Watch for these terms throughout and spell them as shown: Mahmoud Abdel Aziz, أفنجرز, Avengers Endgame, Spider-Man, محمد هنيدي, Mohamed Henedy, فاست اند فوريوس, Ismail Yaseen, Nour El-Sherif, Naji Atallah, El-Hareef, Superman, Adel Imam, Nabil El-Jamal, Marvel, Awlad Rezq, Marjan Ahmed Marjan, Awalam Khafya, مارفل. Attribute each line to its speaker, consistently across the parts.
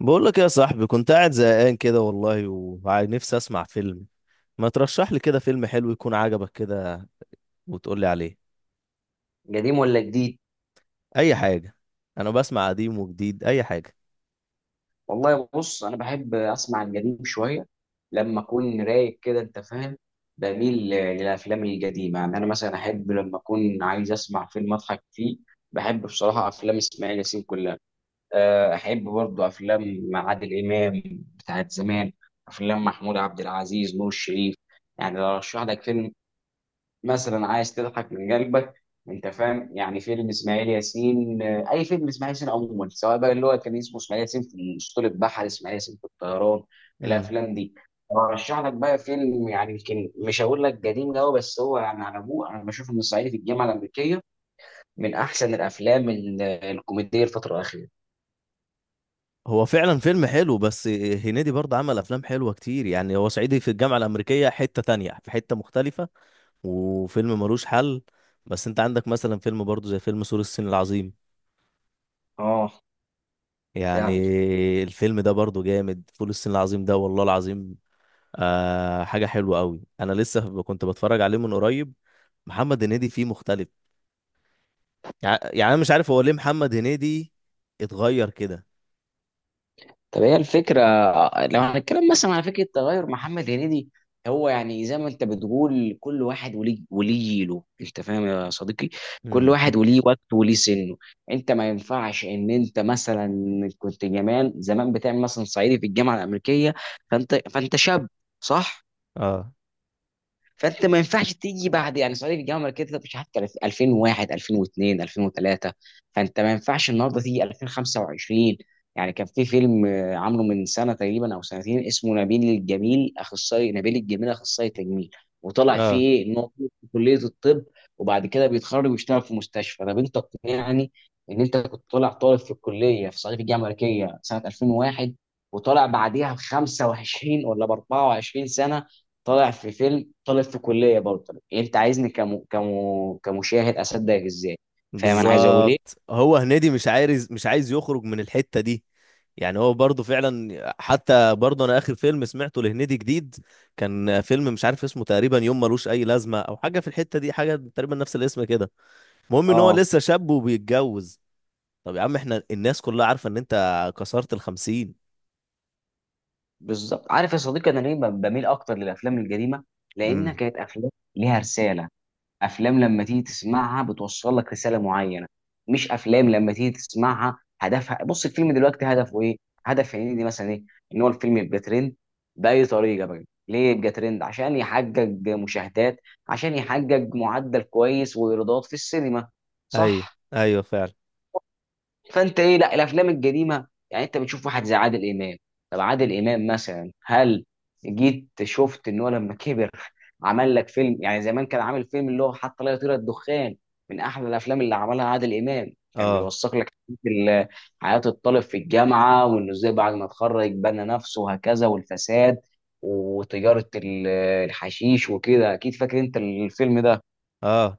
Speaker 1: بقول لك يا صاحبي، كنت قاعد زهقان كده والله ونفسي اسمع فيلم. ما ترشح لي كده فيلم حلو يكون عجبك كده وتقول لي عليه.
Speaker 2: قديم ولا جديد؟
Speaker 1: اي حاجه، انا بسمع قديم وجديد اي حاجه.
Speaker 2: والله بص انا بحب اسمع القديم شويه لما اكون رايق كده، انت فاهم. بميل للافلام القديمه. يعني انا مثلا احب لما اكون عايز اسمع فيلم اضحك فيه، بحب بصراحه افلام اسماعيل ياسين كلها. احب برضه افلام عادل امام بتاعت زمان، افلام محمود عبد العزيز، نور الشريف. يعني لو ارشح لك فيلم مثلا عايز تضحك من قلبك، انت فاهم، يعني فيلم اسماعيل ياسين. اي فيلم اسماعيل ياسين عموما، سواء بقى اللي هو كان اسمه اسماعيل ياسين في اسطول البحر، اسماعيل ياسين في الطيران،
Speaker 1: امم
Speaker 2: الافلام دي. ارشح لك بقى فيلم يعني يمكن مش هقول لك قديم قوي بس هو يعني على ابوه، انا بشوف ان الصعيدي في الجامعه الامريكيه من احسن الافلام الكوميديه الفتره الاخيره.
Speaker 1: هو فعلا فيلم حلو، بس هنيدي برضه عمل افلام حلوه كتير. يعني هو صعيدي في الجامعه الامريكيه حته، تانية في حته مختلفه، وفيلم ملوش حل. بس انت عندك مثلا فيلم برضه زي فيلم سور الصين العظيم.
Speaker 2: اه
Speaker 1: يعني
Speaker 2: فعلا.
Speaker 1: الفيلم ده برضه جامد، فول الصين العظيم ده والله العظيم. آه، حاجة حلوة قوي. انا لسه كنت بتفرج عليه من قريب. محمد هنيدي فيه مختلف. يعني انا مش عارف هو ليه محمد هنيدي اتغير كده.
Speaker 2: طب هي الفكرة، لو هنتكلم مثلا على فكرة تغير محمد هنيدي، هو يعني زي ما انت بتقول كل واحد وليه جيله، انت فاهم يا صديقي. كل
Speaker 1: امم
Speaker 2: واحد وليه وقته وليه سنه. انت ما ينفعش ان انت مثلا كنت زمان زمان بتعمل مثلا صعيدي في الجامعة الأمريكية، فانت شاب، صح؟
Speaker 1: اه.
Speaker 2: فانت ما ينفعش تيجي بعد يعني صعيدي في الجامعه الامريكيه ده مش عارف 2001 2002 2003، فانت ما ينفعش النهارده تيجي 2025. يعني كان في فيلم عامله من سنه تقريبا او سنتين اسمه نبيل الجميل اخصائي، نبيل الجميل اخصائي تجميل. وطلع فيه
Speaker 1: اه،
Speaker 2: ايه؟ ان هو في كليه الطب وبعد كده بيتخرج ويشتغل في مستشفى. طب انت يعني ان انت كنت طالع طالب في الكليه في صعيدي في الجامعه الامريكيه سنه 2001، وطالع بعديها ب 25 ولا ب 24 سنه طالع في فيلم طالب في كليه برضه، انت عايزني كمشاهد اصدقك ازاي؟ فاهم انا عايز اقول ايه؟
Speaker 1: بالظبط، هو هنيدي مش عايز يخرج من الحتة دي. يعني هو برضه فعلا، حتى برضه انا اخر فيلم سمعته لهنيدي جديد كان فيلم مش عارف اسمه تقريبا يوم ملوش اي لازمة او حاجة في الحتة دي، حاجة تقريبا نفس الاسم كده. المهم ان هو
Speaker 2: اه،
Speaker 1: لسه شاب وبيتجوز. طب يا عم احنا الناس كلها عارفة ان انت كسرت الـ50.
Speaker 2: بالظبط. عارف يا صديقي انا ليه بميل اكتر للافلام القديمه؟ لانها
Speaker 1: امم
Speaker 2: كانت افلام ليها رساله. افلام لما تيجي تسمعها بتوصل لك رساله معينه، مش افلام لما تيجي تسمعها هدفها، بص الفيلم دلوقتي هدفه ايه؟ هدف هنيدي مثلا ايه؟ ان هو الفيلم يبقى ترند، باي طريقه بقى، ليه يبقى ترند؟ عشان يحقق مشاهدات، عشان يحقق معدل كويس وايرادات في السينما،
Speaker 1: ايوه،
Speaker 2: صح؟
Speaker 1: ايوه فعلا.
Speaker 2: فانت ايه، لا الافلام القديمه يعني انت بتشوف واحد زي عادل امام. طب عادل امام مثلا، هل جيت شفت ان هو لما كبر عمل لك فيلم يعني زمان كان عامل فيلم اللي هو حتى لا يطير الدخان، من احلى الافلام اللي عملها عادل امام، كان
Speaker 1: اه.
Speaker 2: بيوثق لك ال- حياه الطالب في الجامعه، وانه ازاي بعد ما اتخرج بنى نفسه وهكذا، والفساد وتجاره الحشيش وكده، اكيد فاكر انت الفيلم ده.
Speaker 1: اه.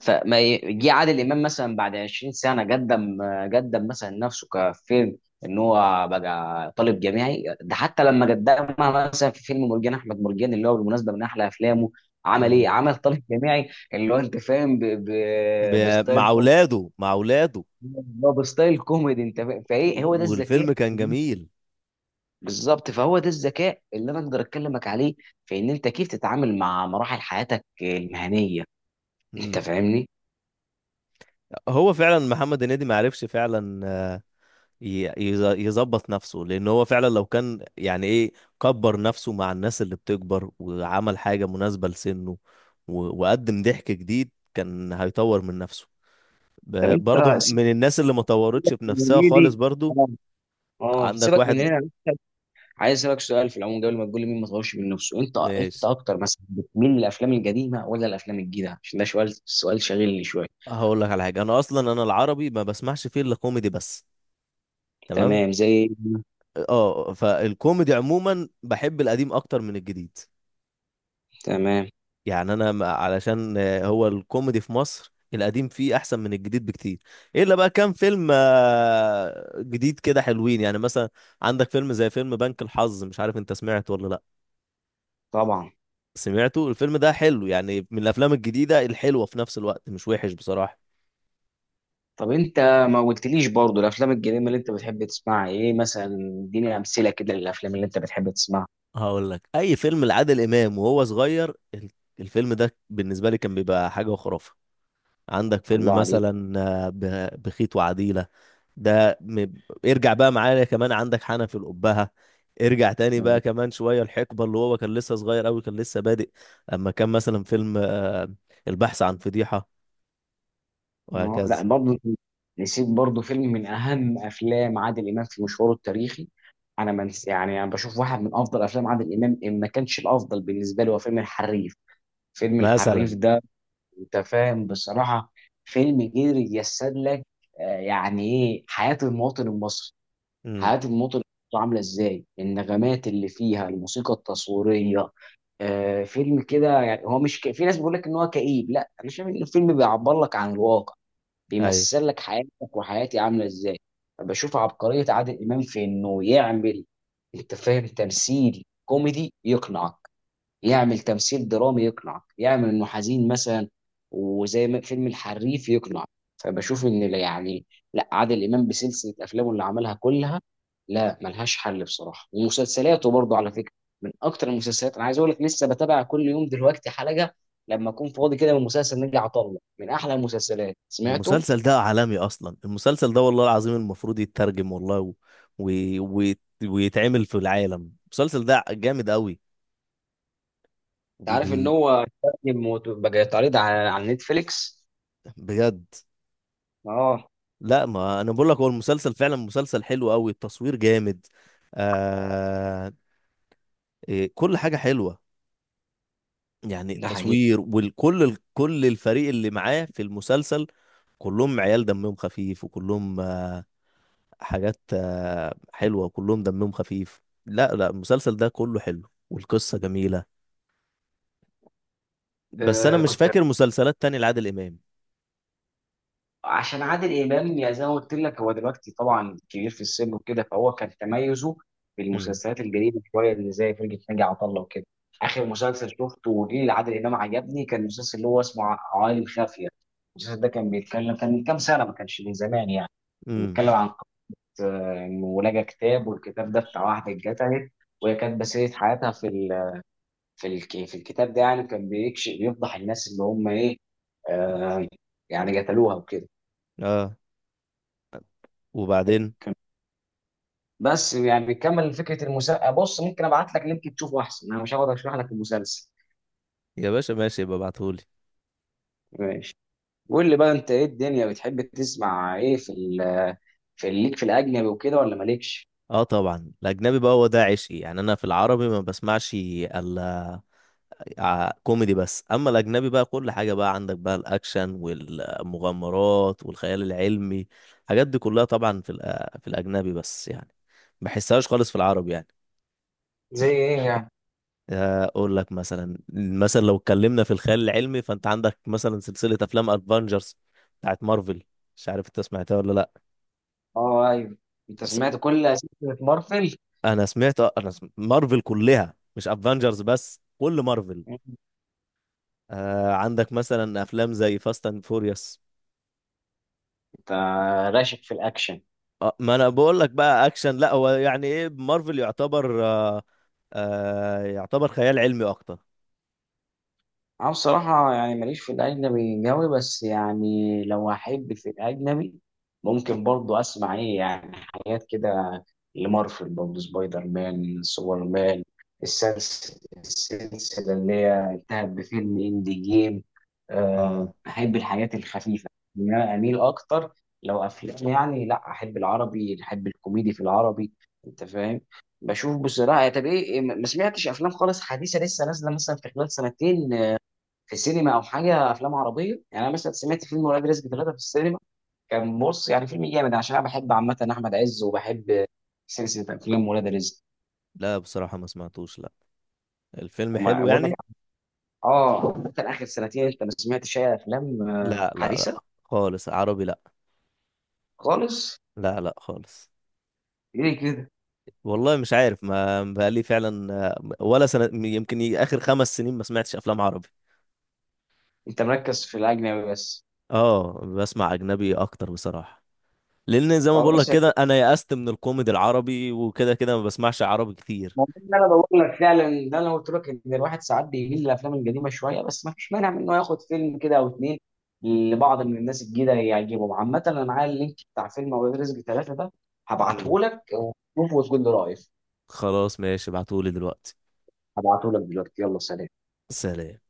Speaker 2: فما جه عادل امام مثلا بعد 20 سنه قدم مثلا نفسه كفيلم ان هو بقى طالب جامعي. ده حتى لما قدمها مثلا في فيلم مرجان احمد مرجان، اللي هو بالمناسبه من احلى افلامه، عمل ايه؟
Speaker 1: امم
Speaker 2: عمل طالب جامعي اللي هو، انت فاهم،
Speaker 1: ب...
Speaker 2: بستايل
Speaker 1: مع
Speaker 2: كوميدي،
Speaker 1: اولاده مع اولاده
Speaker 2: اللي هو بستايل كوميدي، انت فاهم، فايه هو ده
Speaker 1: و-
Speaker 2: الذكاء.
Speaker 1: والفيلم كان جميل.
Speaker 2: بالظبط، فهو ده الذكاء اللي انا اقدر اكلمك عليه، في ان انت كيف تتعامل مع مراحل حياتك المهنيه. انت
Speaker 1: امم
Speaker 2: فاهمني؟
Speaker 1: هو فعلا محمد هنيدي ما عرفش فعلا يظبط نفسه، لان هو فعلا لو كان يعني ايه كبر نفسه مع الناس اللي بتكبر وعمل حاجة مناسبة لسنه، وقدم ضحك جديد كان هيطور من نفسه.
Speaker 2: طب انت
Speaker 1: برضو من الناس اللي ما طورتش
Speaker 2: يا
Speaker 1: بنفسها
Speaker 2: زميلي،
Speaker 1: خالص برضو.
Speaker 2: اه اه
Speaker 1: عندك
Speaker 2: سيبك من
Speaker 1: واحد.
Speaker 2: هنا، عايز اسالك سؤال في العموم قبل ما تقول لي مين ما طورش من نفسه. انت
Speaker 1: ماشي،
Speaker 2: اكتر مثلا بتميل للافلام القديمه ولا الافلام الجديده؟ عشان ده سؤال شاغلني شويه.
Speaker 1: هقول لك على حاجه. انا اصلا انا العربي ما بسمعش فيه الا كوميدي بس. تمام.
Speaker 2: تمام، زي.
Speaker 1: اه، فالكوميدي عموما بحب القديم اكتر من الجديد.
Speaker 2: تمام،
Speaker 1: يعني انا ما- علشان هو الكوميدي في مصر القديم فيه احسن من الجديد بكتير. الا بقى كام فيلم جديد كده حلوين، يعني مثلا عندك فيلم زي فيلم بنك الحظ. مش عارف انت سمعته ولا لا.
Speaker 2: طبعا.
Speaker 1: سمعته. الفيلم ده حلو يعني، من الافلام الجديده الحلوه في نفس الوقت، مش وحش بصراحه.
Speaker 2: طب انت ما قلتليش برضو الافلام القديمه اللي انت بتحب تسمعها ايه مثلا؟ اديني امثله كده للافلام اللي انت بتحب تسمعها.
Speaker 1: هقول لك، اي فيلم لعادل امام وهو صغير الفيلم ده بالنسبه لي كان بيبقى حاجه وخرافه. عندك
Speaker 2: الله
Speaker 1: فيلم
Speaker 2: عليك.
Speaker 1: مثلا بخيت وعديله. ده م- ارجع بقى معايا كمان، عندك حنف الأبهة. ارجع تاني بقى كمان شويه، الحقبه اللي هو كان لسه صغير قوي، كان لسه بادئ. اما كان مثلا فيلم البحث عن فضيحه،
Speaker 2: لا
Speaker 1: وهكذا.
Speaker 2: برضه نسيت برضه فيلم من اهم افلام عادل امام في مشواره التاريخي. انا يعني انا بشوف واحد من افضل افلام عادل امام، ان ما كانش الافضل بالنسبه لي، هو فيلم الحريف. فيلم الحريف
Speaker 1: مثلا.
Speaker 2: ده انت فاهم بصراحه، فيلم قدر يجسد لك يعني ايه حياه المواطن المصري.
Speaker 1: امم
Speaker 2: حياه المواطن المصري عامله ازاي، النغمات اللي فيها، الموسيقى التصويريه. فيلم كده يعني، هو مش في ناس بيقول لك ان هو كئيب، لا انا شايف ان الفيلم بيعبر لك عن الواقع،
Speaker 1: أيوه.
Speaker 2: بيمثل لك حياتك وحياتي عامله ازاي. بشوف عبقريه عادل امام في انه يعمل، انت فاهم، تمثيل كوميدي يقنعك، يعمل تمثيل درامي يقنعك، يعمل انه حزين مثلا وزي ما فيلم الحريف يقنعك. فبشوف ان لا يعني، لا، عادل امام بسلسله افلامه اللي عملها كلها، لا، ملهاش حل بصراحه. ومسلسلاته برضه على فكره، من اكتر المسلسلات، انا عايز اقول لك لسه بتابع كل يوم دلوقتي حلقه لما اكون فاضي كده من مسلسل نجي عطله، من احلى المسلسلات سمعته.
Speaker 1: المسلسل ده عالمي اصلا، المسلسل ده والله العظيم المفروض يترجم والله و... و... ويتعمل في العالم. المسلسل ده جامد قوي.
Speaker 2: انت عارف ان
Speaker 1: وال...
Speaker 2: هو بقى يتعرض على نتفليكس؟
Speaker 1: بجد؟
Speaker 2: اه.
Speaker 1: لا، ما انا بقول لك، هو المسلسل فعلا مسلسل حلو قوي، التصوير جامد. آه... إيه، كل حاجة حلوة. يعني
Speaker 2: ده حقيقي.
Speaker 1: التصوير كل الفريق اللي معاه في المسلسل كلهم عيال دمهم خفيف، وكلهم حاجات حلوة، كلهم دمهم خفيف. لا لا، المسلسل ده كله حلو والقصة جميلة. بس أنا
Speaker 2: آه،
Speaker 1: مش
Speaker 2: كنت،
Speaker 1: فاكر مسلسلات تانية لعادل إمام.
Speaker 2: عشان عادل امام يا زي ما قلت لك هو دلوقتي طبعا كبير في السن وكده، فهو كان تميزه في
Speaker 1: امم
Speaker 2: المسلسلات الجديده شويه اللي زي فرقه ناجي عطا الله وكده. اخر مسلسل شفته وجه لعادل امام عجبني كان المسلسل اللي هو اسمه عوالم خافيه. المسلسل ده كان بيتكلم، كان من كام سنه ما كانش من زمان يعني،
Speaker 1: امم
Speaker 2: بيتكلم عن قصه انه لقى كتاب، والكتاب ده بتاع واحده اتقتلت، وهي كانت بسيرة حياتها في الكتاب ده، يعني كان بيكشف، بيفضح الناس اللي هم ايه، آه يعني قتلوها وكده.
Speaker 1: اه، وبعدين.
Speaker 2: بس يعني بيكمل فكره المسلسل، بص ممكن ابعت لك لينك تشوفه احسن، انا مش هقعد اشرح لك المسلسل.
Speaker 1: يا باشا ماشي، يبقى ابعتهولي.
Speaker 2: ماشي. قول لي بقى انت ايه الدنيا، بتحب تسمع ايه في ليك، في الاجنبي وكده ولا مالكش؟
Speaker 1: اه طبعا، الأجنبي بقى هو ده عشقي. يعني أنا في العربي ما بسمعش إلا كوميدي بس، أما الأجنبي بقى كل حاجة، بقى عندك بقى الأكشن والمغامرات والخيال العلمي. الحاجات دي كلها طبعا في في الأجنبي، بس يعني ما بحسهاش خالص في العربي يعني.
Speaker 2: زي ايه يعني؟
Speaker 1: اقول لك مثلا، لو اتكلمنا في الخيال العلمي، فانت عندك مثلا سلسله افلام افنجرز بتاعت مارفل. مش عارف انت سمعتها ولا لا.
Speaker 2: اه ايوه. انت
Speaker 1: س-
Speaker 2: سمعت كل سلسله مارفل؟
Speaker 1: انا مارفل كلها مش افنجرز بس، كل مارفل. آه، عندك مثلا افلام زي فاست اند فوريوس.
Speaker 2: انت راشق في الاكشن.
Speaker 1: آه، ما انا بقول لك بقى اكشن. لا هو يعني ايه، مارفل يعتبر آه يعتبر خيال علمي اكتر.
Speaker 2: أنا بصراحة يعني ماليش في الأجنبي قوي، بس يعني لو أحب في الأجنبي ممكن برضو أسمع إيه يعني، حاجات كده، لمارفل برضو، سبايدر مان، سوبر مان، السلسلة اللي هي انتهت بفيلم إندي جيم.
Speaker 1: اه.
Speaker 2: أحب الحاجات الخفيفة، إن أنا أميل أكتر لو أفلام يعني، لا، أحب العربي، أحب الكوميدي في العربي. أنت فاهم، بشوف بصراحة. طب إيه إيه، ما سمعتش أفلام خالص حديثة لسه نازلة مثلا في خلال سنتين في سينما او حاجه؟ افلام عربيه يعني انا مثلا سمعت فيلم ولاد رزق 3 في السينما، كان بص يعني فيلم جامد عشان انا بحب عامه احمد عز، وبحب سلسله افلام ولاد رزق.
Speaker 1: لا بصراحه ما سمعتوش، لا. الفيلم
Speaker 2: وما
Speaker 1: حلو
Speaker 2: بقول لك،
Speaker 1: يعني.
Speaker 2: اه، انت اخر سنتين انت ما سمعتش اي افلام
Speaker 1: لا لا لا
Speaker 2: حديثه
Speaker 1: خالص، عربي لا.
Speaker 2: خالص؟
Speaker 1: لا لا خالص.
Speaker 2: ليه كده؟
Speaker 1: والله مش عارف، ما بقالي فعلا ولا سنة، يمكن آخر 5 سنين ما سمعتش أفلام عربي.
Speaker 2: انت مركز في الاجنبي بس؟
Speaker 1: اه، بسمع أجنبي أكتر بصراحة، لأن زي ما بقول لك
Speaker 2: خلاص،
Speaker 1: كده أنا يأست من الكوميدي العربي، وكده كده ما بسمعش عربي كتير.
Speaker 2: ما هو ده اللي انا بقول لك، فعلا ده انا قلت لك ان الواحد ساعات بيميل للافلام القديمه شويه، بس ما فيش مانع من انه ياخد فيلم كده او اتنين لبعض من الناس الجديده يعجبهم. عامه انا معايا اللينك بتاع فيلم اولاد رزق 3 ده،
Speaker 1: مم.
Speaker 2: هبعته لك وشوفه وتقول لي رايك.
Speaker 1: خلاص ماشي، ابعتهولي دلوقتي.
Speaker 2: هبعته لك دلوقتي، يلا سلام.
Speaker 1: سلام.